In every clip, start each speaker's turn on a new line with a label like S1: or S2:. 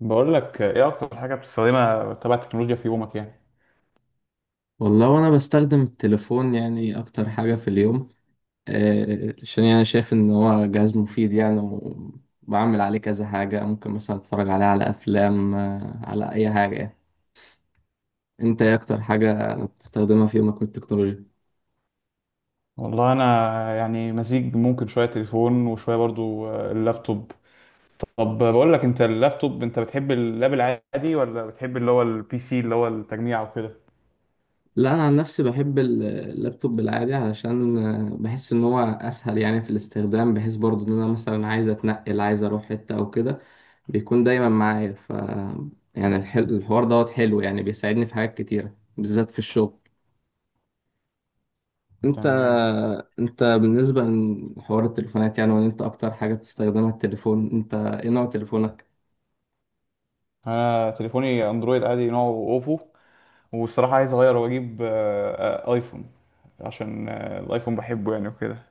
S1: بقول لك ايه اكتر حاجه بتستخدمها تبع التكنولوجيا في يومك يعني؟
S2: والله وانا بستخدم التليفون يعني اكتر حاجة في اليوم. عشان يعني شايف ان هو جهاز مفيد يعني. وبعمل عليه كذا حاجة، ممكن مثلا اتفرج عليه على افلام، على اي حاجة يعني. انت ايه اكتر حاجة بتستخدمها في يومك من التكنولوجيا؟
S1: والله انا يعني مزيج، ممكن شويه تليفون وشويه برضو اللابتوب. طب بقول لك، انت اللابتوب، انت بتحب اللاب العادي ولا بتحب اللي هو البي سي اللي هو التجميع وكده؟
S2: لا انا عن نفسي بحب اللابتوب العادي، علشان بحس ان هو اسهل يعني في الاستخدام، بحيث برضو ان انا مثلا عايز اتنقل، عايز اروح حتة او كده، بيكون دايما معايا. ف يعني الحوار دوت حلو يعني، بيساعدني في حاجات كتيرة بالذات في الشغل. انت
S1: تمام.
S2: انت بالنسبة لحوار التليفونات يعني، وان انت اكتر حاجة بتستخدمها التليفون، انت ايه نوع تليفونك؟
S1: انا تليفوني اندرويد عادي، نوعه اوبو. والصراحه عايز اغير واجيب ايفون. عشان الايفون بحبه يعني وكده.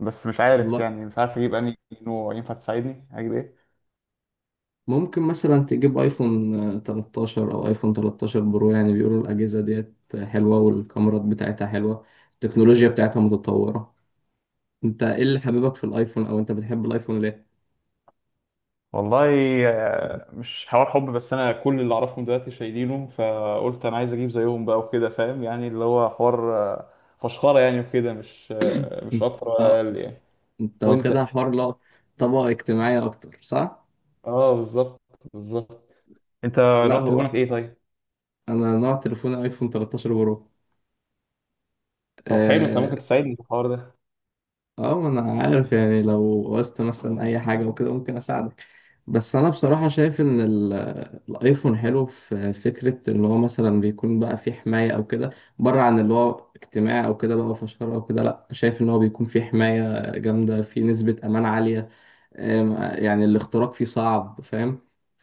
S1: بس مش عارف، يعني مش عارف اجيب انهي نوع. ينفع تساعدني اجيب ايه؟
S2: ممكن مثلا تجيب ايفون، 13 او ايفون 13 برو. يعني بيقولوا الاجهزه ديت حلوه، والكاميرات بتاعتها حلوه، التكنولوجيا بتاعتها متطوره. انت ايه اللي حبيبك في الايفون، او انت بتحب الايفون ليه؟
S1: والله مش حوار حب. بس انا كل اللي اعرفهم دلوقتي شايلينه، فقلت انا عايز اجيب زيهم بقى وكده، فاهم؟ يعني اللي هو حوار فشخره يعني وكده، مش
S2: انت،
S1: اكتر ولا
S2: اه،
S1: اقل يعني.
S2: انت
S1: وانت؟
S2: واخدها حوار، لا، طبقه اجتماعيه اكتر، صح؟
S1: اه بالظبط. بالظبط. انت
S2: لا
S1: نوع
S2: هو
S1: تليفونك ايه طيب؟
S2: انا نوع تليفوني ايفون 13 برو.
S1: طب حلو. انت
S2: اه،
S1: ممكن تساعدني في الحوار ده؟
S2: ما انا عارف يعني، لو وقست مثلا اي حاجه وكده ممكن اساعدك. بس انا بصراحة شايف ان الايفون حلو في فكرة ان هو مثلا بيكون بقى فيه حماية او كده، بره عن اللي هو اجتماع او كده بقى فشار او كده، لا شايف ان هو بيكون فيه حماية جامدة، فيه نسبة امان عالية. أم، يعني الاختراق فيه صعب، فاهم؟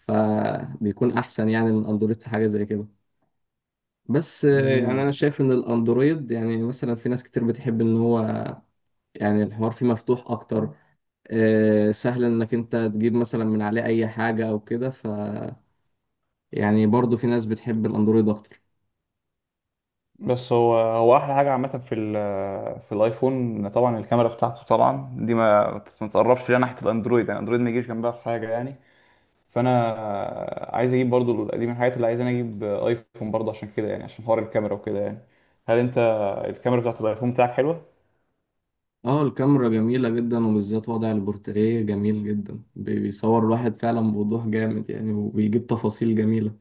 S2: فبيكون احسن يعني من اندرويد في حاجة زي كده. بس يعني
S1: مم.
S2: انا شايف ان الاندرويد يعني مثلا في ناس كتير بتحب ان هو يعني الحوار فيه مفتوح اكتر، سهل انك انت تجيب مثلا من عليه اي حاجة او كده. ف يعني برضو في ناس بتحب الاندرويد اكتر.
S1: بس هو احلى حاجه عامه في الايفون، طبعا الكاميرا بتاعته طبعا دي ما تقربش ليها ناحيه الاندرويد. يعني الاندرويد ما يجيش جنبها في حاجه يعني. فانا عايز اجيب برضو، دي من الحاجات اللي عايز انا اجيب ايفون برضو عشان كده يعني، عشان حوار الكاميرا وكده يعني. هل انت الكاميرا بتاعت الايفون بتاعك حلوة؟
S2: اه الكاميرا جميلة جدا، وبالذات وضع البورتريه جميل جدا، بيصور الواحد فعلا بوضوح جامد يعني، وبيجيب تفاصيل جميلة.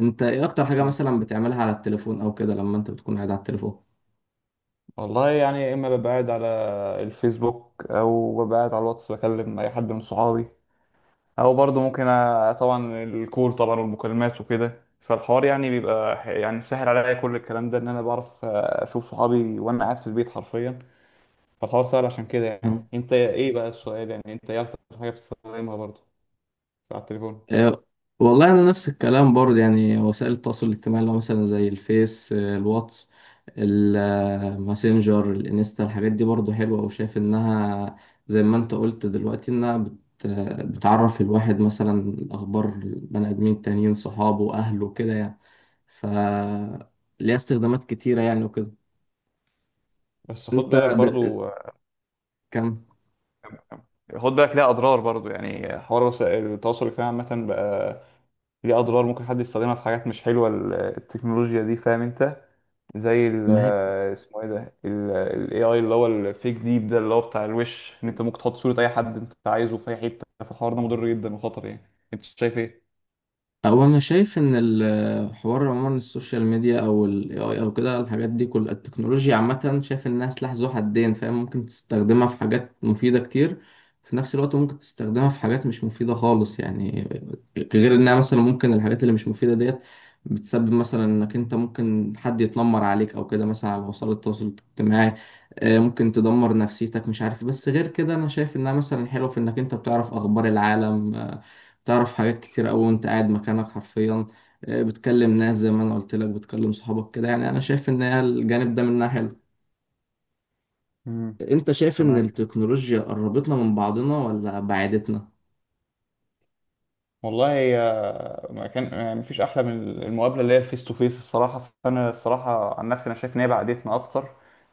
S2: انت ايه اكتر حاجة
S1: مم.
S2: مثلا بتعملها على التليفون او كده لما انت بتكون قاعد على التليفون؟
S1: والله يعني يا اما ببقى قاعد على الفيسبوك او ببقى قاعد على الواتس، بكلم اي حد من صحابي، او برضو ممكن طبعا الكول طبعا والمكالمات وكده. فالحوار يعني بيبقى يعني سهل عليا، كل الكلام ده ان انا بعرف اشوف صحابي وانا قاعد في البيت حرفيا. فالحوار سهل عشان كده يعني. انت ايه بقى السؤال، يعني انت ايه اكتر حاجة بتستخدمها برضو على التليفون؟
S2: آه، والله انا نفس الكلام برضه يعني، وسائل التواصل الاجتماعي، اللي هو مثلا زي الفيس، الواتس، الماسنجر، الانستا، الحاجات دي برضه حلوه، وشايف انها زي ما انت قلت دلوقتي انها بتعرف الواحد مثلا الاخبار، البني ادمين التانيين، صحابه، اهله، كده يعني. ف ليها استخدامات كتيره يعني وكده.
S1: بس خد
S2: انت
S1: بالك
S2: ب...
S1: برضو
S2: كم؟
S1: خد بالك ليها اضرار برضو. يعني حوار وسائل التواصل الاجتماعي عامه بقى ليه اضرار، ممكن حد يستخدمها في حاجات مش حلوه، التكنولوجيا دي. فاهم انت؟ زي
S2: ما هي
S1: اسمه ايه ده، الاي اي اللي هو الفيك ديب ده، اللي هو بتاع الوش. ان انت ممكن تحط صوره اي حد انت عايزه في اي حته، فالحوار ده مضر جدا وخطر يعني. انت شايف ايه؟
S2: هو انا شايف ان الحوار عموما، السوشيال ميديا او ال AI او كده، الحاجات دي كل التكنولوجيا عامه، شايف انها سلاح ذو حدين، فاهم؟ ممكن تستخدمها في حاجات مفيده كتير، في نفس الوقت ممكن تستخدمها في حاجات مش مفيده خالص يعني. غير انها مثلا ممكن الحاجات اللي مش مفيده ديت بتسبب مثلا انك انت ممكن حد يتنمر عليك او كده مثلا على وسائل التواصل الاجتماعي. ممكن تدمر نفسيتك مش عارف. بس غير كده انا شايف انها مثلا حلوه في انك انت بتعرف اخبار العالم، تعرف حاجات كتير أوي وأنت قاعد مكانك حرفيا. بتكلم ناس زي ما أنا قلت لك، بتكلم صحابك كده يعني. أنا شايف إن هي الجانب ده منها حلو.
S1: امم.
S2: أنت شايف إن
S1: تمام.
S2: التكنولوجيا قربتنا من بعضنا ولا بعدتنا؟
S1: والله ما كان يعني مفيش احلى من المقابله اللي هي فيس تو فيس الصراحه. فانا الصراحه عن نفسي انا شايف ان هي بعدتنا اكتر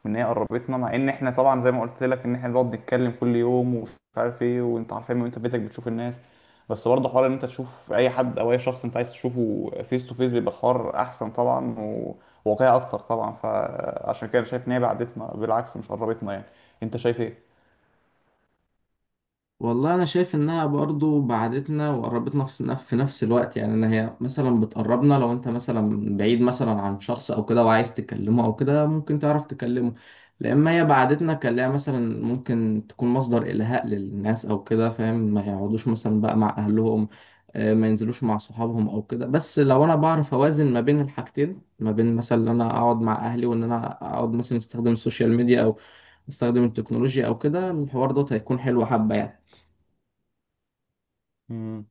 S1: من ان هي قربتنا، مع ان احنا طبعا زي ما قلت لك ان احنا بنقعد نتكلم كل يوم ومش عارف ايه، وانت عارفين وانت في بيتك بتشوف الناس. بس برضه حوار ان انت تشوف اي حد او اي شخص انت عايز تشوفه فيس تو فيس بيبقى الحوار احسن طبعا، وواقعي اكتر طبعا. فعشان كده أنا شايف ان هي بعدتنا، بالعكس مش قربتنا يعني. انت شايف ايه؟
S2: والله انا شايف انها برضو بعدتنا وقربتنا في في نفس الوقت يعني. انا هي مثلا بتقربنا لو انت مثلا بعيد مثلا عن شخص او كده وعايز تكلمه او كده ممكن تعرف تكلمه. لما هي بعدتنا كلها مثلا ممكن تكون مصدر الهاء للناس او كده، فاهم؟ ما يقعدوش مثلا بقى مع اهلهم، ما ينزلوش مع صحابهم او كده. بس لو انا بعرف اوازن ما بين الحاجتين، ما بين مثلا ان انا اقعد مع اهلي وان انا اقعد مثلا استخدم السوشيال ميديا او استخدم التكنولوجيا او كده، الحوار دوت هيكون حلو حبة يعني.
S1: مم.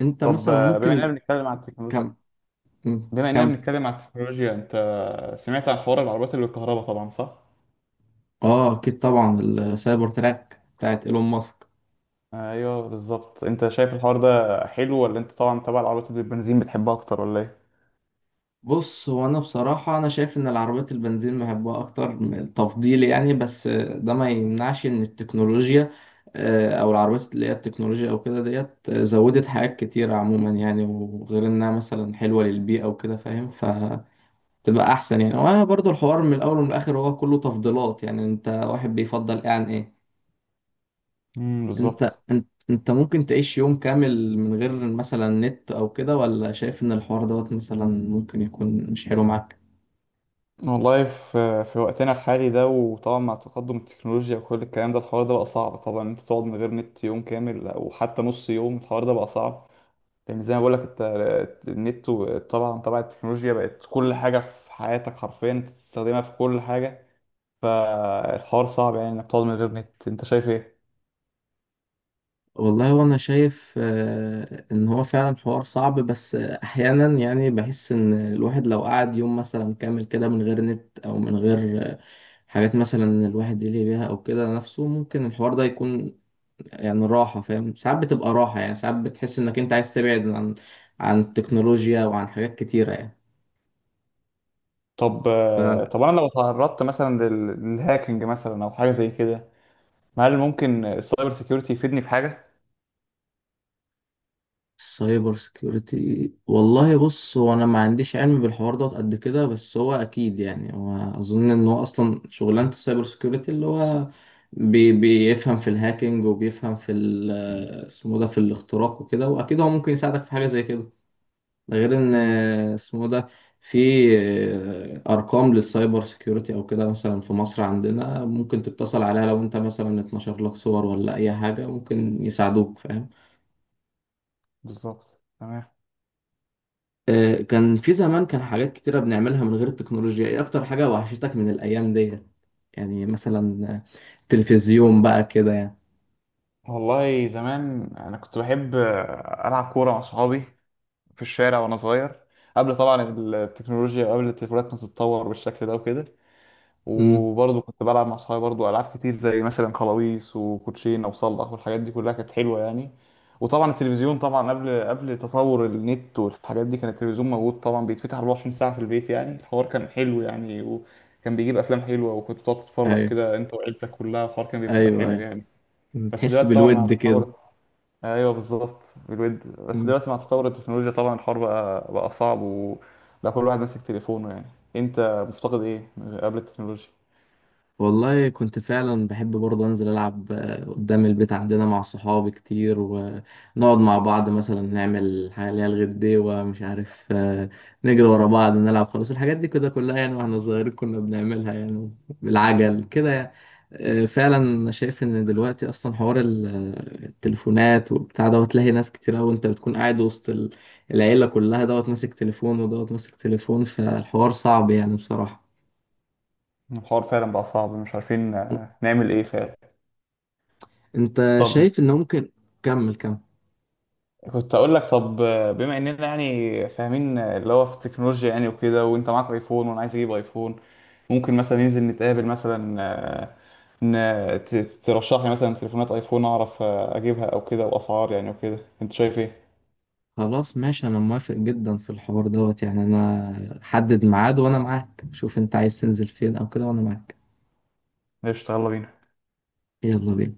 S2: انت
S1: طب
S2: مثلا ممكن كم؟
S1: بما اننا
S2: كم؟
S1: بنتكلم عن التكنولوجيا، سمعت عن حوار العربيات اللي بالكهرباء طبعا، صح؟
S2: اه اكيد طبعا، السايبر تراك بتاعت ايلون ماسك.
S1: ايوه بالظبط. انت شايف الحوار ده حلو، ولا انت طبعا تبع العربيات اللي بالبنزين بتحبها اكتر، ولا ايه؟
S2: بص هو انا بصراحه انا شايف ان العربيات البنزين بحبها اكتر تفضيلي يعني. بس ده ما يمنعش ان التكنولوجيا، او العربيات اللي هي التكنولوجيا او كده ديت، زودت حاجات كتيره عموما يعني، وغير انها مثلا حلوه للبيئه وكده، فاهم؟ ف تبقى احسن يعني. وبرضه الحوار من الاول ومن الاخر هو كله تفضيلات يعني، انت واحد بيفضل ايه عن ايه.
S1: امم، بالظبط.
S2: انت ممكن تعيش يوم كامل من غير مثلا نت او كده، ولا شايف ان الحوار دوت مثلا ممكن يكون مش حلو معاك؟
S1: والله في وقتنا الحالي ده، وطبعا مع تقدم التكنولوجيا وكل الكلام ده، الحوار ده بقى صعب طبعا. انت تقعد من غير نت يوم كامل او حتى نص يوم، الحوار ده بقى صعب. لان زي ما بقول لك انت، النت طبعا التكنولوجيا بقت كل حاجه في حياتك حرفيا، انت بتستخدمها في كل حاجه. فالحوار صعب يعني انك تقعد من غير نت. انت شايف ايه؟
S2: والله وانا شايف، ان هو فعلا حوار صعب. بس احيانا يعني بحس ان الواحد لو قعد يوم مثلا كامل كده من غير نت او من غير، حاجات مثلا الواحد يلهي بيها او كده نفسه، ممكن الحوار ده يكون يعني راحة، فاهم؟ ساعات بتبقى راحة يعني، ساعات بتحس انك انت عايز تبعد عن عن التكنولوجيا وعن حاجات كتيرة يعني.
S1: طب انا لو تعرضت مثلا للهاكينج مثلا او حاجه زي كده، هل ممكن السايبر سيكيورتي يفيدني في حاجه؟
S2: سايبر سيكيورتي، والله بص هو انا ما عنديش علم بالحوار ده قد كده. بس هو اكيد يعني، هو اظن ان هو اصلا شغلانه السايبر سيكيورتي اللي هو بيفهم في الهاكينج، وبيفهم في اسمه ده، في الاختراق وكده، واكيد هو ممكن يساعدك في حاجه زي كده. ده غير ان
S1: امم،
S2: اسمه ده في ارقام للسايبر سيكيورتي او كده مثلا في مصر عندنا، ممكن تتصل عليها لو انت مثلا اتنشر لك صور ولا اي حاجه ممكن يساعدوك، فاهم؟
S1: بالظبط. تمام.
S2: كان في زمان كان حاجات كتيرة بنعملها من غير التكنولوجيا، ايه اكتر حاجة وحشتك من الايام ديت؟ يعني مثلا، تلفزيون بقى كده يعني.
S1: والله زمان انا كنت بحب العب كوره مع صحابي في الشارع وانا صغير، قبل طبعا التكنولوجيا، وقبل التليفونات ما تتطور بالشكل ده وكده.
S2: امم،
S1: وبرضه كنت بلعب مع صحابي برضه ألعاب كتير، زي مثلا خلاويص وكوتشينة وصلخ، والحاجات دي كلها كانت حلوة يعني. وطبعا التلفزيون طبعا، قبل تطور النت والحاجات دي، كان التلفزيون موجود طبعا، بيتفتح 24 ساعة في البيت يعني. الحوار كان حلو يعني، وكان بيجيب أفلام حلوة، وكنت بتقعد تتفرج
S2: ايوه
S1: كده أنت وعيلتك كلها، الحوار كان بيبقى
S2: ايوه
S1: حلو
S2: ايوه.
S1: يعني.
S2: مم.
S1: بس
S2: تحس
S1: دلوقتي طبعا مع
S2: بالود كده.
S1: تطور. ايوه بالظبط. بالود. بس دلوقتي مع تطور التكنولوجيا طبعا، الحوار بقى صعب، وبقى كل واحد ماسك تليفونه يعني. انت مفتقد ايه قبل التكنولوجيا؟
S2: والله كنت فعلا بحب برضه انزل العب، قدام البيت عندنا مع صحابي كتير، ونقعد مع بعض مثلا نعمل حاجه اللي هي الغديوه، مش عارف، نجري ورا بعض، نلعب خلاص، الحاجات دي كده كلها يعني واحنا صغيرين كنا بنعملها يعني، بالعجل كده يعني. فعلا انا شايف ان دلوقتي اصلا حوار التليفونات وبتاع دوت، تلاقي ناس كتير قوي، انت بتكون قاعد وسط العيله كلها، دوت ماسك تليفون ودوت ماسك تليفون، فالحوار صعب يعني بصراحه.
S1: الحوار فعلا بقى صعب، مش عارفين نعمل ايه فعلا.
S2: انت
S1: طب
S2: شايف ان ممكن كمل.
S1: كنت اقول لك، طب بما اننا يعني فاهمين اللي هو في التكنولوجيا يعني وكده، وانت معاك ايفون وانا عايز اجيب ايفون، ممكن مثلا ننزل نتقابل مثلا، آه، ن- ت- ترشح لي مثلا تليفونات ايفون اعرف اجيبها او كده، واسعار يعني وكده. انت شايف ايه؟
S2: خلاص ماشي، انا موافق جدا في الحوار دوت يعني، انا حدد ميعاد وانا معاك، شوف انت عايز تنزل فين او كده وانا معاك.
S1: قشطة، يلا بينا.
S2: يلا بينا.